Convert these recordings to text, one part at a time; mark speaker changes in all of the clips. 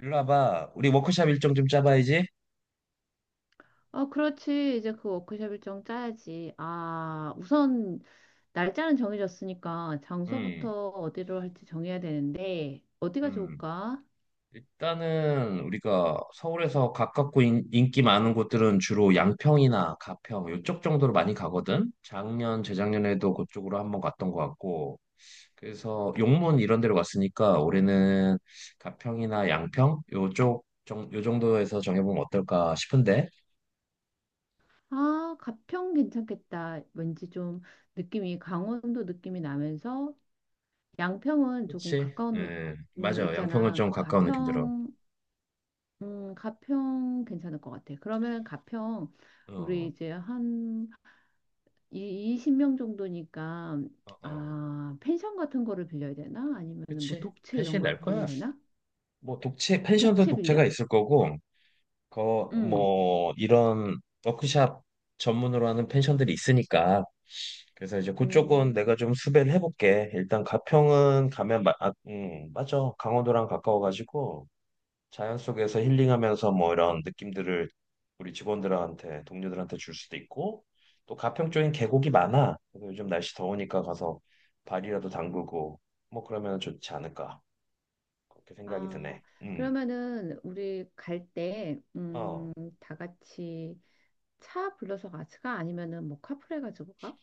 Speaker 1: 일로 와봐. 우리 워크샵 일정 좀 짜봐야지.
Speaker 2: 어, 그렇지. 이제 그 워크숍 일정 짜야지. 아, 우선 날짜는 정해졌으니까
Speaker 1: 음,
Speaker 2: 장소부터 어디로 할지 정해야 되는데 어디가
Speaker 1: 음.
Speaker 2: 좋을까?
Speaker 1: 일단은 우리가 서울에서 가깝고 인기 많은 곳들은 주로 양평이나 가평 이쪽 정도로 많이 가거든. 작년, 재작년에도 그쪽으로 한번 갔던 것 같고. 그래서 용문 이런 데로 갔으니까 올해는 가평이나 양평 요 정도에서 정해보면 어떨까 싶은데.
Speaker 2: 아, 가평 괜찮겠다. 왠지 좀 느낌이 강원도 느낌이 나면서 양평은 조금
Speaker 1: 그치?
Speaker 2: 가까운. 거
Speaker 1: 맞아. 양평은
Speaker 2: 있잖아.
Speaker 1: 좀 가까운 느낌 들어.
Speaker 2: 가평 괜찮을 것 같아. 그러면 가평, 우리
Speaker 1: 어,
Speaker 2: 이제 한 이 20명 정도니까.
Speaker 1: 어, 어.
Speaker 2: 아, 펜션 같은 거를 빌려야 되나? 아니면은 뭐
Speaker 1: 그치?
Speaker 2: 독채 이런
Speaker 1: 편식이
Speaker 2: 걸
Speaker 1: 날
Speaker 2: 빌리면
Speaker 1: 거야.
Speaker 2: 되나?
Speaker 1: 뭐 독채 펜션도
Speaker 2: 독채
Speaker 1: 독채가
Speaker 2: 빌려?
Speaker 1: 있을 거고 그
Speaker 2: 응.
Speaker 1: 뭐 이런 워크샵 전문으로 하는 펜션들이 있으니까. 그래서 이제 그쪽은
Speaker 2: 음.
Speaker 1: 내가 좀 수배를 해볼게. 일단 가평은 가면 맞아, 강원도랑 가까워가지고 자연 속에서 힐링하면서 뭐 이런 느낌들을 우리 직원들한테, 동료들한테 줄 수도 있고, 또 가평 쪽엔 계곡이 많아. 그래서 요즘 날씨 더우니까 가서 발이라도 담그고 뭐 그러면 좋지 않을까, 그렇게 생각이
Speaker 2: 아,
Speaker 1: 드네. 음.
Speaker 2: 그러면은 우리 갈 때,
Speaker 1: 어.
Speaker 2: 다 같이 차 불러서 같이 가, 아니면은 뭐 카풀해 가지고 가?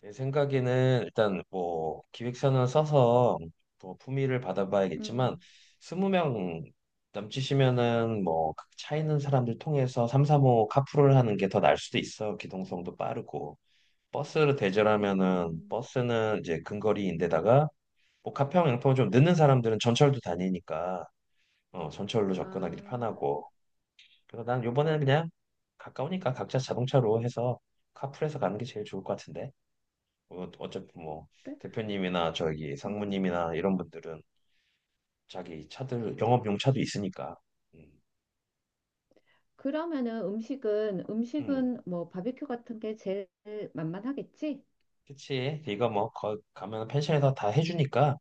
Speaker 1: 내 생각에는 일단 뭐 기획서는 써서 뭐 품위를 받아봐야겠지만
Speaker 2: 음.
Speaker 1: 20명 넘치시면은 뭐 차 있는 사람들 통해서 3, 4호 카풀을 하는 게 더 나을 수도 있어. 기동성도 빠르고. 버스를 대절하면은
Speaker 2: 음,
Speaker 1: 버스는 이제 근거리인데다가 뭐 가평 양평 좀 늦는 사람들은 전철도 다니니까 어 전철로 접근하기
Speaker 2: 아,
Speaker 1: 편하고. 그래서 난 요번에는 그냥 가까우니까 각자 자동차로 해서 카풀해서 가는 게 제일 좋을 것 같은데. 어, 어차피 뭐
Speaker 2: 그래?
Speaker 1: 대표님이나 저기
Speaker 2: 음.
Speaker 1: 상무님이나 이런 분들은 자기 차들, 영업용 차도 있으니까. 음,
Speaker 2: 그러면은 음식은
Speaker 1: 음.
Speaker 2: 음식은 뭐 바비큐 같은 게 제일 만만하겠지?
Speaker 1: 그치. 네가 뭐 가면 펜션에서 다 해주니까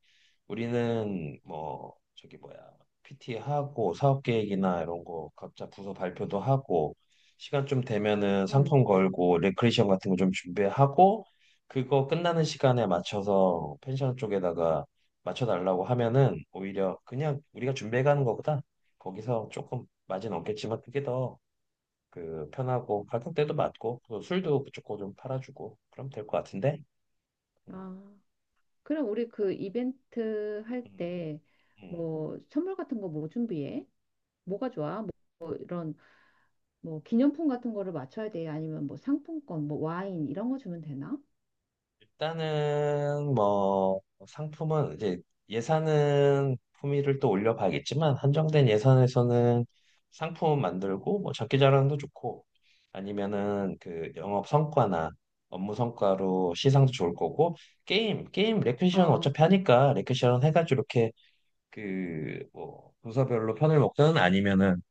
Speaker 1: 우리는 뭐 저기 뭐야 PT 하고 사업 계획이나 이런 거 각자 부서 발표도 하고, 시간 좀 되면은
Speaker 2: 음.
Speaker 1: 상품 걸고 레크레이션 같은 거 좀 준비하고, 그거 끝나는 시간에 맞춰서 펜션 쪽에다가 맞춰달라고 하면은 오히려 그냥 우리가 준비해 가는 거보다 거기서 조금 마진 없겠지만 그게 더 그 편하고 가격대도 맞고, 또 술도 무조건 좀 팔아주고 그럼 될 것 같은데? 음,
Speaker 2: 아. 그럼 우리 그 이벤트 할
Speaker 1: 음,
Speaker 2: 때
Speaker 1: 음.
Speaker 2: 뭐 선물 같은 거 뭐 준비해? 뭐가 좋아? 뭐, 뭐 기념품 같은 거를 맞춰야 돼? 아니면 뭐 상품권, 뭐 와인 이런 거 주면 되나?
Speaker 1: 일단은 뭐 상품은 이제 예산은 품위를 또 올려봐야겠지만 한정된 예산에서는 상품 만들고 뭐 장기 자랑도 좋고, 아니면은 그 영업 성과나 업무 성과로 시상도 좋을 거고, 게임 레크시션
Speaker 2: 어,
Speaker 1: 어차피 하니까 레크시션 해가지고 이렇게 그뭐 부서별로 편을 먹든 아니면은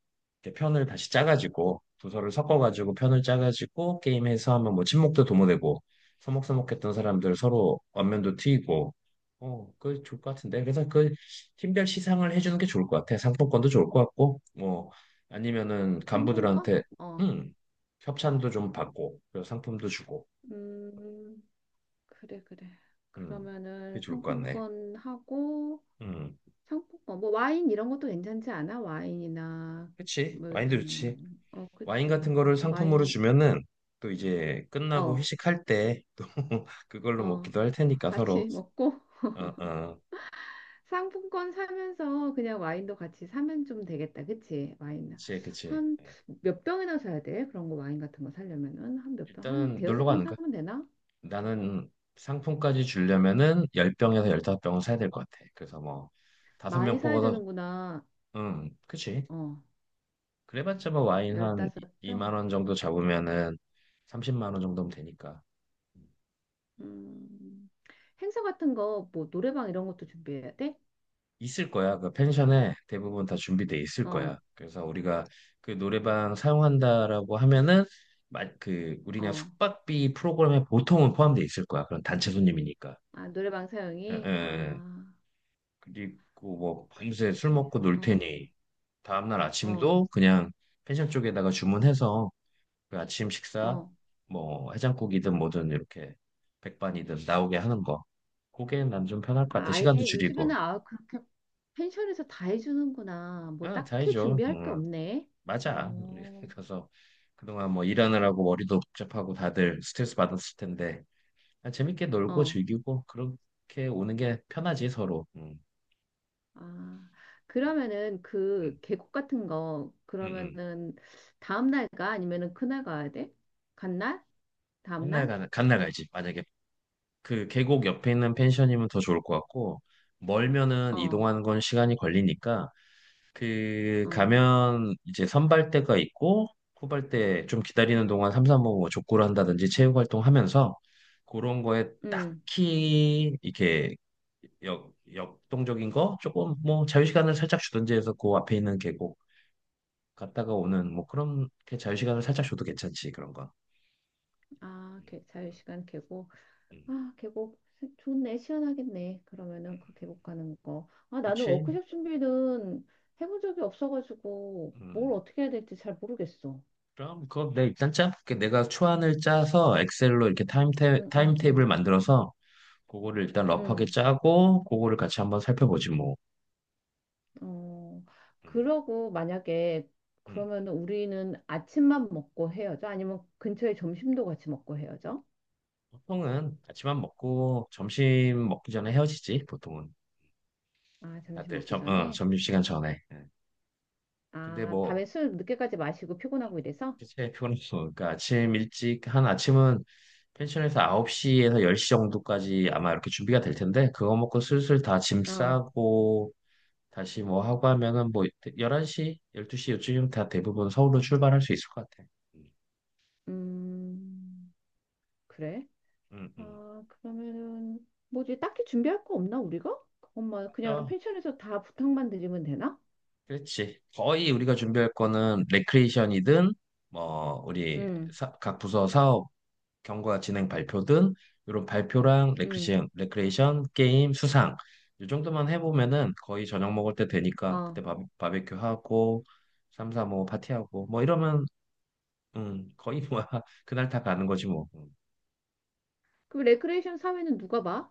Speaker 1: 이렇게 편을 다시 짜가지고 도서를 섞어가지고 편을 짜가지고 게임해서 하면 뭐 친목도 도모되고 서먹서먹했던 사람들 서로 안면도 트이고, 어 그게 좋을 것 같은데. 그래서 그 팀별 시상을 해주는 게 좋을 것 같아. 상품권도 좋을 것 같고, 뭐 아니면은
Speaker 2: 상품권?
Speaker 1: 간부들한테
Speaker 2: 어,
Speaker 1: 음 협찬도 좀 받고 그리고 상품도 주고.
Speaker 2: 음, 그래, 그래.
Speaker 1: 음 그게
Speaker 2: 그러면은
Speaker 1: 좋을 것 같네.
Speaker 2: 상품권 하고
Speaker 1: 음
Speaker 2: 상품권, 뭐 와인 이런 것도 괜찮지 않아? 와인이나
Speaker 1: 그치,
Speaker 2: 뭐
Speaker 1: 와인도
Speaker 2: 이런.
Speaker 1: 좋지.
Speaker 2: 어,
Speaker 1: 와인
Speaker 2: 그치.
Speaker 1: 같은 거를
Speaker 2: 어,
Speaker 1: 상품으로
Speaker 2: 와인.
Speaker 1: 주면은 또 이제 끝나고
Speaker 2: 어,
Speaker 1: 회식할 때 또 그걸로
Speaker 2: 어.
Speaker 1: 먹기도 할 테니까 서로.
Speaker 2: 같이 먹고
Speaker 1: 어어
Speaker 2: 상품권 사면서 그냥 와인도 같이 사면 좀 되겠다. 그치? 와인.
Speaker 1: 그치 그치,
Speaker 2: 한
Speaker 1: 네.
Speaker 2: 몇 병이나 사야 돼? 그런 거 와인 같은 거 사려면은 한 몇 병? 한
Speaker 1: 일단은 놀러
Speaker 2: 대여섯 병
Speaker 1: 가는 거
Speaker 2: 사면 되나?
Speaker 1: 나는 상품까지 주려면은 10병에서 15병은 사야 될 것 같아. 그래서 뭐 다섯
Speaker 2: 많이
Speaker 1: 명
Speaker 2: 사야
Speaker 1: 뽑아서.
Speaker 2: 되는구나.
Speaker 1: 그치.
Speaker 2: 어,
Speaker 1: 그래봤자 뭐 와인 한
Speaker 2: 열다섯
Speaker 1: 2만
Speaker 2: 병.
Speaker 1: 원 정도 잡으면은 30만 원 정도면 되니까.
Speaker 2: 음, 행사 같은 거, 뭐 노래방 이런 것도 준비해야 돼?
Speaker 1: 있을 거야. 그 펜션에 대부분 다 준비돼 있을
Speaker 2: 어,
Speaker 1: 거야. 그래서 우리가 그 노래방 사용한다라고 하면은 그 우리냐
Speaker 2: 어.
Speaker 1: 숙박비 프로그램에 보통은 포함돼 있을 거야. 그런 단체 손님이니까.
Speaker 2: 아, 노래방
Speaker 1: 에,
Speaker 2: 사용이?
Speaker 1: 에, 에.
Speaker 2: 아,
Speaker 1: 그리고 뭐 밤새 술
Speaker 2: 그렇지.
Speaker 1: 먹고 놀
Speaker 2: 어,
Speaker 1: 테니 다음날
Speaker 2: 어,
Speaker 1: 아침도 그냥 펜션 쪽에다가 주문해서 그 아침 식사
Speaker 2: 어.
Speaker 1: 뭐 해장국이든 뭐든 이렇게 백반이든 나오게 하는 거. 그게 난 좀 편할 것 같아.
Speaker 2: 아,
Speaker 1: 시간도
Speaker 2: 아예
Speaker 1: 줄이고.
Speaker 2: 요즘에는, 아, 그렇게 펜션에서 다 해주는구나. 뭐
Speaker 1: 아,
Speaker 2: 딱히
Speaker 1: 다이죠.
Speaker 2: 준비할 게
Speaker 1: 음.
Speaker 2: 없네.
Speaker 1: 맞아. 우리
Speaker 2: 어,
Speaker 1: 그래서 그동안 뭐 일하느라고 머리도 복잡하고 다들 스트레스 받았을 텐데 아, 재밌게 놀고
Speaker 2: 어.
Speaker 1: 즐기고 그렇게 오는 게 편하지 서로.
Speaker 2: 아, 그러면은
Speaker 1: 음,
Speaker 2: 그 계곡 같은 거,
Speaker 1: 음, 음.
Speaker 2: 그러면은 다음 날 가? 아니면은 그날 가야 돼? 간날? 다음
Speaker 1: 간날
Speaker 2: 날?
Speaker 1: 가, 간날 가지. 만약에 그 계곡 옆에 있는 펜션이면 더 좋을 것 같고, 멀면은
Speaker 2: 어.
Speaker 1: 이동하는 건 시간이 걸리니까. 그
Speaker 2: 어.
Speaker 1: 가면 이제 선발대가 있고 후발대 좀 기다리는 동안 삼삼오오 뭐 족구를 한다든지 체육 활동하면서 그런 거에
Speaker 2: 음.
Speaker 1: 딱히 이렇게 역동적인 거 조금 뭐 자유시간을 살짝 주든지 해서 그 앞에 있는 계곡 갔다가 오는 뭐 그런 게, 자유시간을 살짝 줘도 괜찮지 그런 거.
Speaker 2: 아,
Speaker 1: 음,
Speaker 2: 자유시간 계곡.
Speaker 1: 음,
Speaker 2: 아, 계곡 좋네. 시원하겠네.
Speaker 1: 음.
Speaker 2: 그러면은 그 계곡 가는 거. 아, 나는
Speaker 1: 그렇지.
Speaker 2: 워크숍 준비는 해본 적이 없어가지고 뭘
Speaker 1: 음.
Speaker 2: 어떻게 해야 될지 잘 모르겠어.
Speaker 1: 그럼 그거 내 일단 짜. 내가 초안을 짜서 엑셀로 이렇게
Speaker 2: 응,
Speaker 1: 타임
Speaker 2: 응,
Speaker 1: 테이블
Speaker 2: 응.
Speaker 1: 만들어서 그거를 일단 러프하게
Speaker 2: 응.
Speaker 1: 짜고 그거를 같이 한번 살펴보지 뭐.
Speaker 2: 어,
Speaker 1: 음,
Speaker 2: 그러고 만약에
Speaker 1: 음.
Speaker 2: 그러면, 우리는 아침만 먹고 헤어져? 아니면 근처에 점심도 같이 먹고 헤어져?
Speaker 1: 보통은 아침밥 먹고 점심 먹기 전에 헤어지지 보통은.
Speaker 2: 아, 점심
Speaker 1: 다들
Speaker 2: 먹기 전에?
Speaker 1: 점심시간 전에. 예. 근데
Speaker 2: 아,
Speaker 1: 뭐
Speaker 2: 밤에 술 늦게까지 마시고 피곤하고 이래서?
Speaker 1: 대체 피곤해서 그러니까 아침 일찍 한 아침은 펜션에서 9시에서 10시 정도까지 아마 이렇게 준비가 될 텐데 그거 먹고 슬슬 다 짐
Speaker 2: 어,
Speaker 1: 싸고 다시 뭐 하고 하면은 뭐 11시, 12시 요쯤 다 대부분 서울로 출발할 수 있을 것 같아. 음,
Speaker 2: 음, 그래?
Speaker 1: 음. 음.
Speaker 2: 아, 그러면은 뭐지? 딱히 준비할 거 없나, 우리가? 엄마, 그냥
Speaker 1: 맞아.
Speaker 2: 펜션에서 다 부탁만 드리면 되나?
Speaker 1: 그렇지. 거의 우리가 준비할 거는 레크레이션이든 뭐 우리
Speaker 2: 응,
Speaker 1: 각 부서 사업 경과 진행 발표든 이런 발표랑
Speaker 2: 응,
Speaker 1: 레크레이션 게임 수상 이 정도만 해보면은 거의 저녁 먹을 때 되니까
Speaker 2: 어.
Speaker 1: 그때 바베큐 하고 삼삼오오 파티하고 뭐 이러면 거의 뭐 그날 다 가는 거지 뭐. 음.
Speaker 2: 그럼 레크레이션 사회는 누가 봐?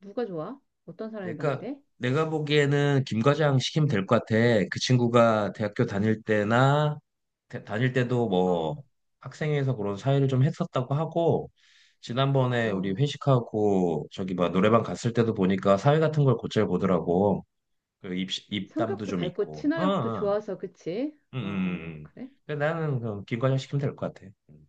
Speaker 2: 누가 좋아? 어떤 사람이 봐야
Speaker 1: 내가
Speaker 2: 돼?
Speaker 1: 내가 보기에는 김 과장 시키면 될 것 같아. 그 친구가 대학교 다닐 때나 다닐 때도 뭐
Speaker 2: 어,
Speaker 1: 학생회에서 그런 사회를 좀 했었다고 하고 지난번에 우리
Speaker 2: 어.
Speaker 1: 회식하고 저기 막 노래방 갔을 때도 보니까 사회 같은 걸 곧잘 보더라고. 그 입담도
Speaker 2: 성격도
Speaker 1: 좀
Speaker 2: 밝고
Speaker 1: 있고. 어,
Speaker 2: 친화력도
Speaker 1: 어.
Speaker 2: 좋아서, 그치?
Speaker 1: 음,
Speaker 2: 어, 어,
Speaker 1: 음. 음, 음.
Speaker 2: 그래?
Speaker 1: 그 나는 그럼 김과장 시키면 될 것 같아. 음.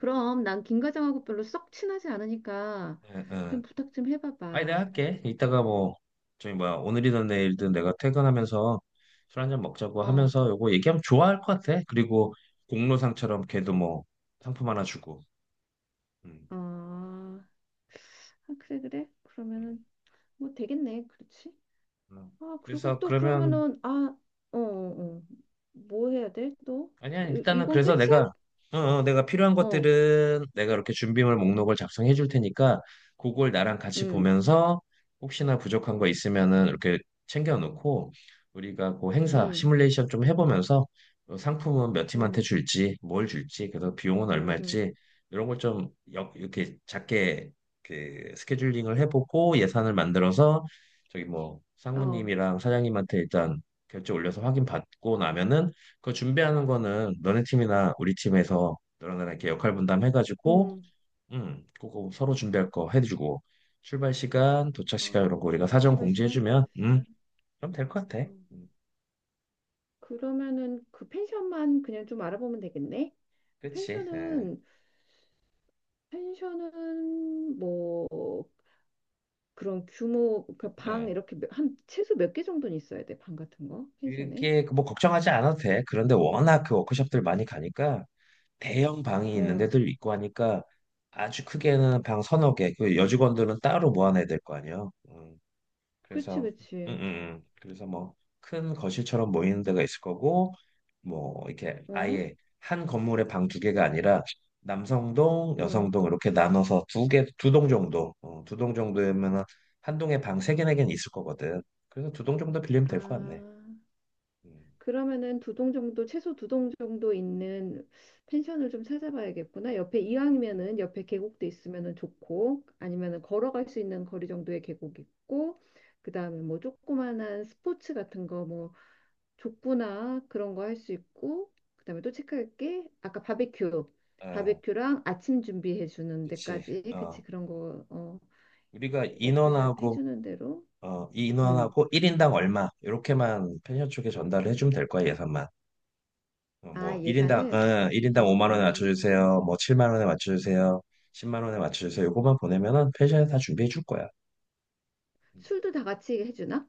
Speaker 2: 그럼 난 김 과장하고 별로 썩 친하지 않으니까
Speaker 1: 응,
Speaker 2: 좀
Speaker 1: 응.
Speaker 2: 부탁 좀
Speaker 1: 아니 내가
Speaker 2: 해봐봐.
Speaker 1: 할게. 이따가 뭐 저기 뭐야 오늘이든 내일든 내가 퇴근하면서 술 한잔 먹자고
Speaker 2: 어,
Speaker 1: 하면서 요거 얘기하면 좋아할 것 같아. 그리고 공로상처럼 걔도 뭐 상품 하나 주고. 음,
Speaker 2: 어. 아, 그래, 그래?
Speaker 1: 음.
Speaker 2: 그러면은 뭐 되겠네, 그렇지?
Speaker 1: 음.
Speaker 2: 아, 그리고
Speaker 1: 그래서
Speaker 2: 또
Speaker 1: 그러면
Speaker 2: 그러면은, 아, 어, 어, 어. 뭐 해야 돼? 또?
Speaker 1: 아니야,
Speaker 2: 이,
Speaker 1: 일단은
Speaker 2: 이건
Speaker 1: 그래서
Speaker 2: 끝이야?
Speaker 1: 내가, 내가 필요한
Speaker 2: 어,
Speaker 1: 것들은 내가 이렇게 준비물 목록을 작성해 줄 테니까, 그걸 나랑 같이
Speaker 2: 응,
Speaker 1: 보면서 혹시나 부족한 거 있으면은 이렇게 챙겨 놓고, 우리가 그 행사
Speaker 2: 응,
Speaker 1: 시뮬레이션 좀 해보면서 어, 상품은 몇 팀한테
Speaker 2: 응,
Speaker 1: 줄지, 뭘 줄지, 그래서 비용은
Speaker 2: 응, 응,
Speaker 1: 얼마일지, 이런 걸 좀 이렇게 작게 그 스케줄링을 해보고 예산을 만들어서 저기 뭐
Speaker 2: 어,
Speaker 1: 상무님이랑 사장님한테 일단 결제 올려서 확인 받고 나면은 그 준비하는 거는 너네 팀이나 우리 팀에서 너랑 나랑 이렇게 역할 분담 해가지고,
Speaker 2: 응,
Speaker 1: 그거 서로 준비할 거 해주고, 출발 시간, 도착 시간 이런
Speaker 2: 어,
Speaker 1: 거 우리가 사전
Speaker 2: 치마 시간,
Speaker 1: 공지해주면,
Speaker 2: 도시 시간.
Speaker 1: 그럼 될 것 같아.
Speaker 2: 어.
Speaker 1: 음,
Speaker 2: 그러면은 그 펜션만 그냥 좀 알아보면 되겠네.
Speaker 1: 그치? 예,
Speaker 2: 펜션은 펜션은 뭐 그런 규모, 그 방
Speaker 1: 예.
Speaker 2: 이렇게 한 최소 몇 개 정도는 있어야 돼. 방 같은 거 펜션에.
Speaker 1: 이게 뭐 걱정하지 않아도 돼. 그런데 워낙 그 워크숍들 많이 가니까 대형 방이 있는
Speaker 2: 어,
Speaker 1: 데도 있고 하니까 아주 크게는 방 서너 개, 그 여직원들은 따로 모아놔야 될 거 아니야. 음.
Speaker 2: 그치
Speaker 1: 그래서 음, 음,
Speaker 2: 그치.
Speaker 1: 그래서 뭐 큰 거실처럼 모이는 데가 있을 거고 뭐 이렇게
Speaker 2: 어,
Speaker 1: 아예 한 건물에 방 두 개가 아니라 남성동,
Speaker 2: 응.
Speaker 1: 여성동 이렇게 나눠서 두 개, 두 동 정도, 어, 두 동 정도면 한 동에 방 세 개, 네 개는 있을 거거든. 그래서 두 동 정도 빌리면
Speaker 2: 아.
Speaker 1: 될 것 같네. 음.
Speaker 2: 그러면은 두 동 정도, 최소 두 동 정도 있는 펜션을 좀 찾아봐야겠구나. 옆에, 이왕이면은 옆에 계곡도 있으면은 좋고, 아니면은 걸어갈 수 있는 거리 정도의 계곡 있고, 그다음에 뭐 조그만한 스포츠 같은 거, 뭐 족구나 그런 거 할 수 있고, 그다음에 또 체크할 게 아까 바베큐,
Speaker 1: 어,
Speaker 2: 바베큐랑 아침 준비해 주는
Speaker 1: 그치.
Speaker 2: 데까지.
Speaker 1: 어,
Speaker 2: 그치, 그런 거. 어,
Speaker 1: 우리가
Speaker 2: 워크샵
Speaker 1: 인원하고,
Speaker 2: 해주는 대로.
Speaker 1: 어, 이
Speaker 2: 음.
Speaker 1: 인원하고 1인당 얼마, 이렇게만 펜션 쪽에 전달을 해주면 될 거야, 예산만. 어,
Speaker 2: 아,
Speaker 1: 뭐
Speaker 2: 예산을.
Speaker 1: 일인당 5만 원에
Speaker 2: 음,
Speaker 1: 맞춰주세요. 뭐 7만 원에 맞춰주세요. 10만 원에 맞춰주세요. 요거만 보내면은 펜션에 다 준비해 줄 거야.
Speaker 2: 술도 다 같이 해주나?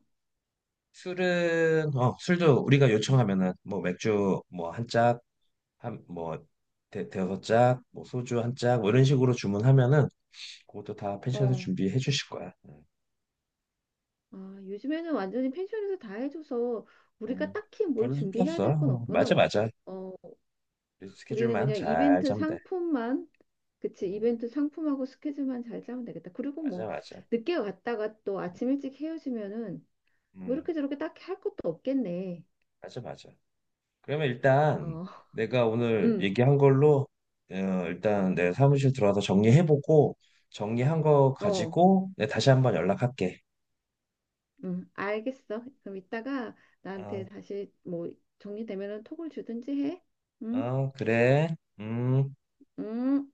Speaker 1: 술은 어 술도 우리가 요청하면은 뭐 맥주 뭐 한 짝, 한뭐 대여섯 짝, 뭐 소주 한 짝, 뭐 이런 식으로 주문하면은 그것도 다 펜션에서
Speaker 2: 어,
Speaker 1: 준비해 주실 거야.
Speaker 2: 아, 요즘에는 완전히 펜션에서 다 해줘서 우리가
Speaker 1: 음,
Speaker 2: 딱히 뭘
Speaker 1: 별로 힘없
Speaker 2: 준비해야 될 건
Speaker 1: 어, 맞아
Speaker 2: 없구나.
Speaker 1: 맞아.
Speaker 2: 어,
Speaker 1: 우리
Speaker 2: 우리는
Speaker 1: 스케줄만
Speaker 2: 그냥
Speaker 1: 잘
Speaker 2: 이벤트
Speaker 1: 짜면 돼.
Speaker 2: 상품만, 그치,
Speaker 1: 음,
Speaker 2: 이벤트 상품하고 스케줄만 잘 짜면 되겠다. 그리고
Speaker 1: 맞아
Speaker 2: 뭐,
Speaker 1: 맞아.
Speaker 2: 늦게 왔다가 또 아침 일찍 헤어지면은 뭐
Speaker 1: 음,
Speaker 2: 이렇게 저렇게 딱히 할 것도 없겠네.
Speaker 1: 맞아 맞아. 그러면 일단
Speaker 2: 어,
Speaker 1: 내가 오늘
Speaker 2: 음,
Speaker 1: 얘기한 걸로 어, 일단 내 사무실 들어와서 정리해보고 정리한 거
Speaker 2: 어,
Speaker 1: 가지고 내가 다시 한번 연락할게.
Speaker 2: 알겠어. 그럼 이따가 나한테
Speaker 1: 어,
Speaker 2: 다시 뭐, 정리되면은 톡을 주든지 해. 응,
Speaker 1: 어, 그래. 음.
Speaker 2: 응.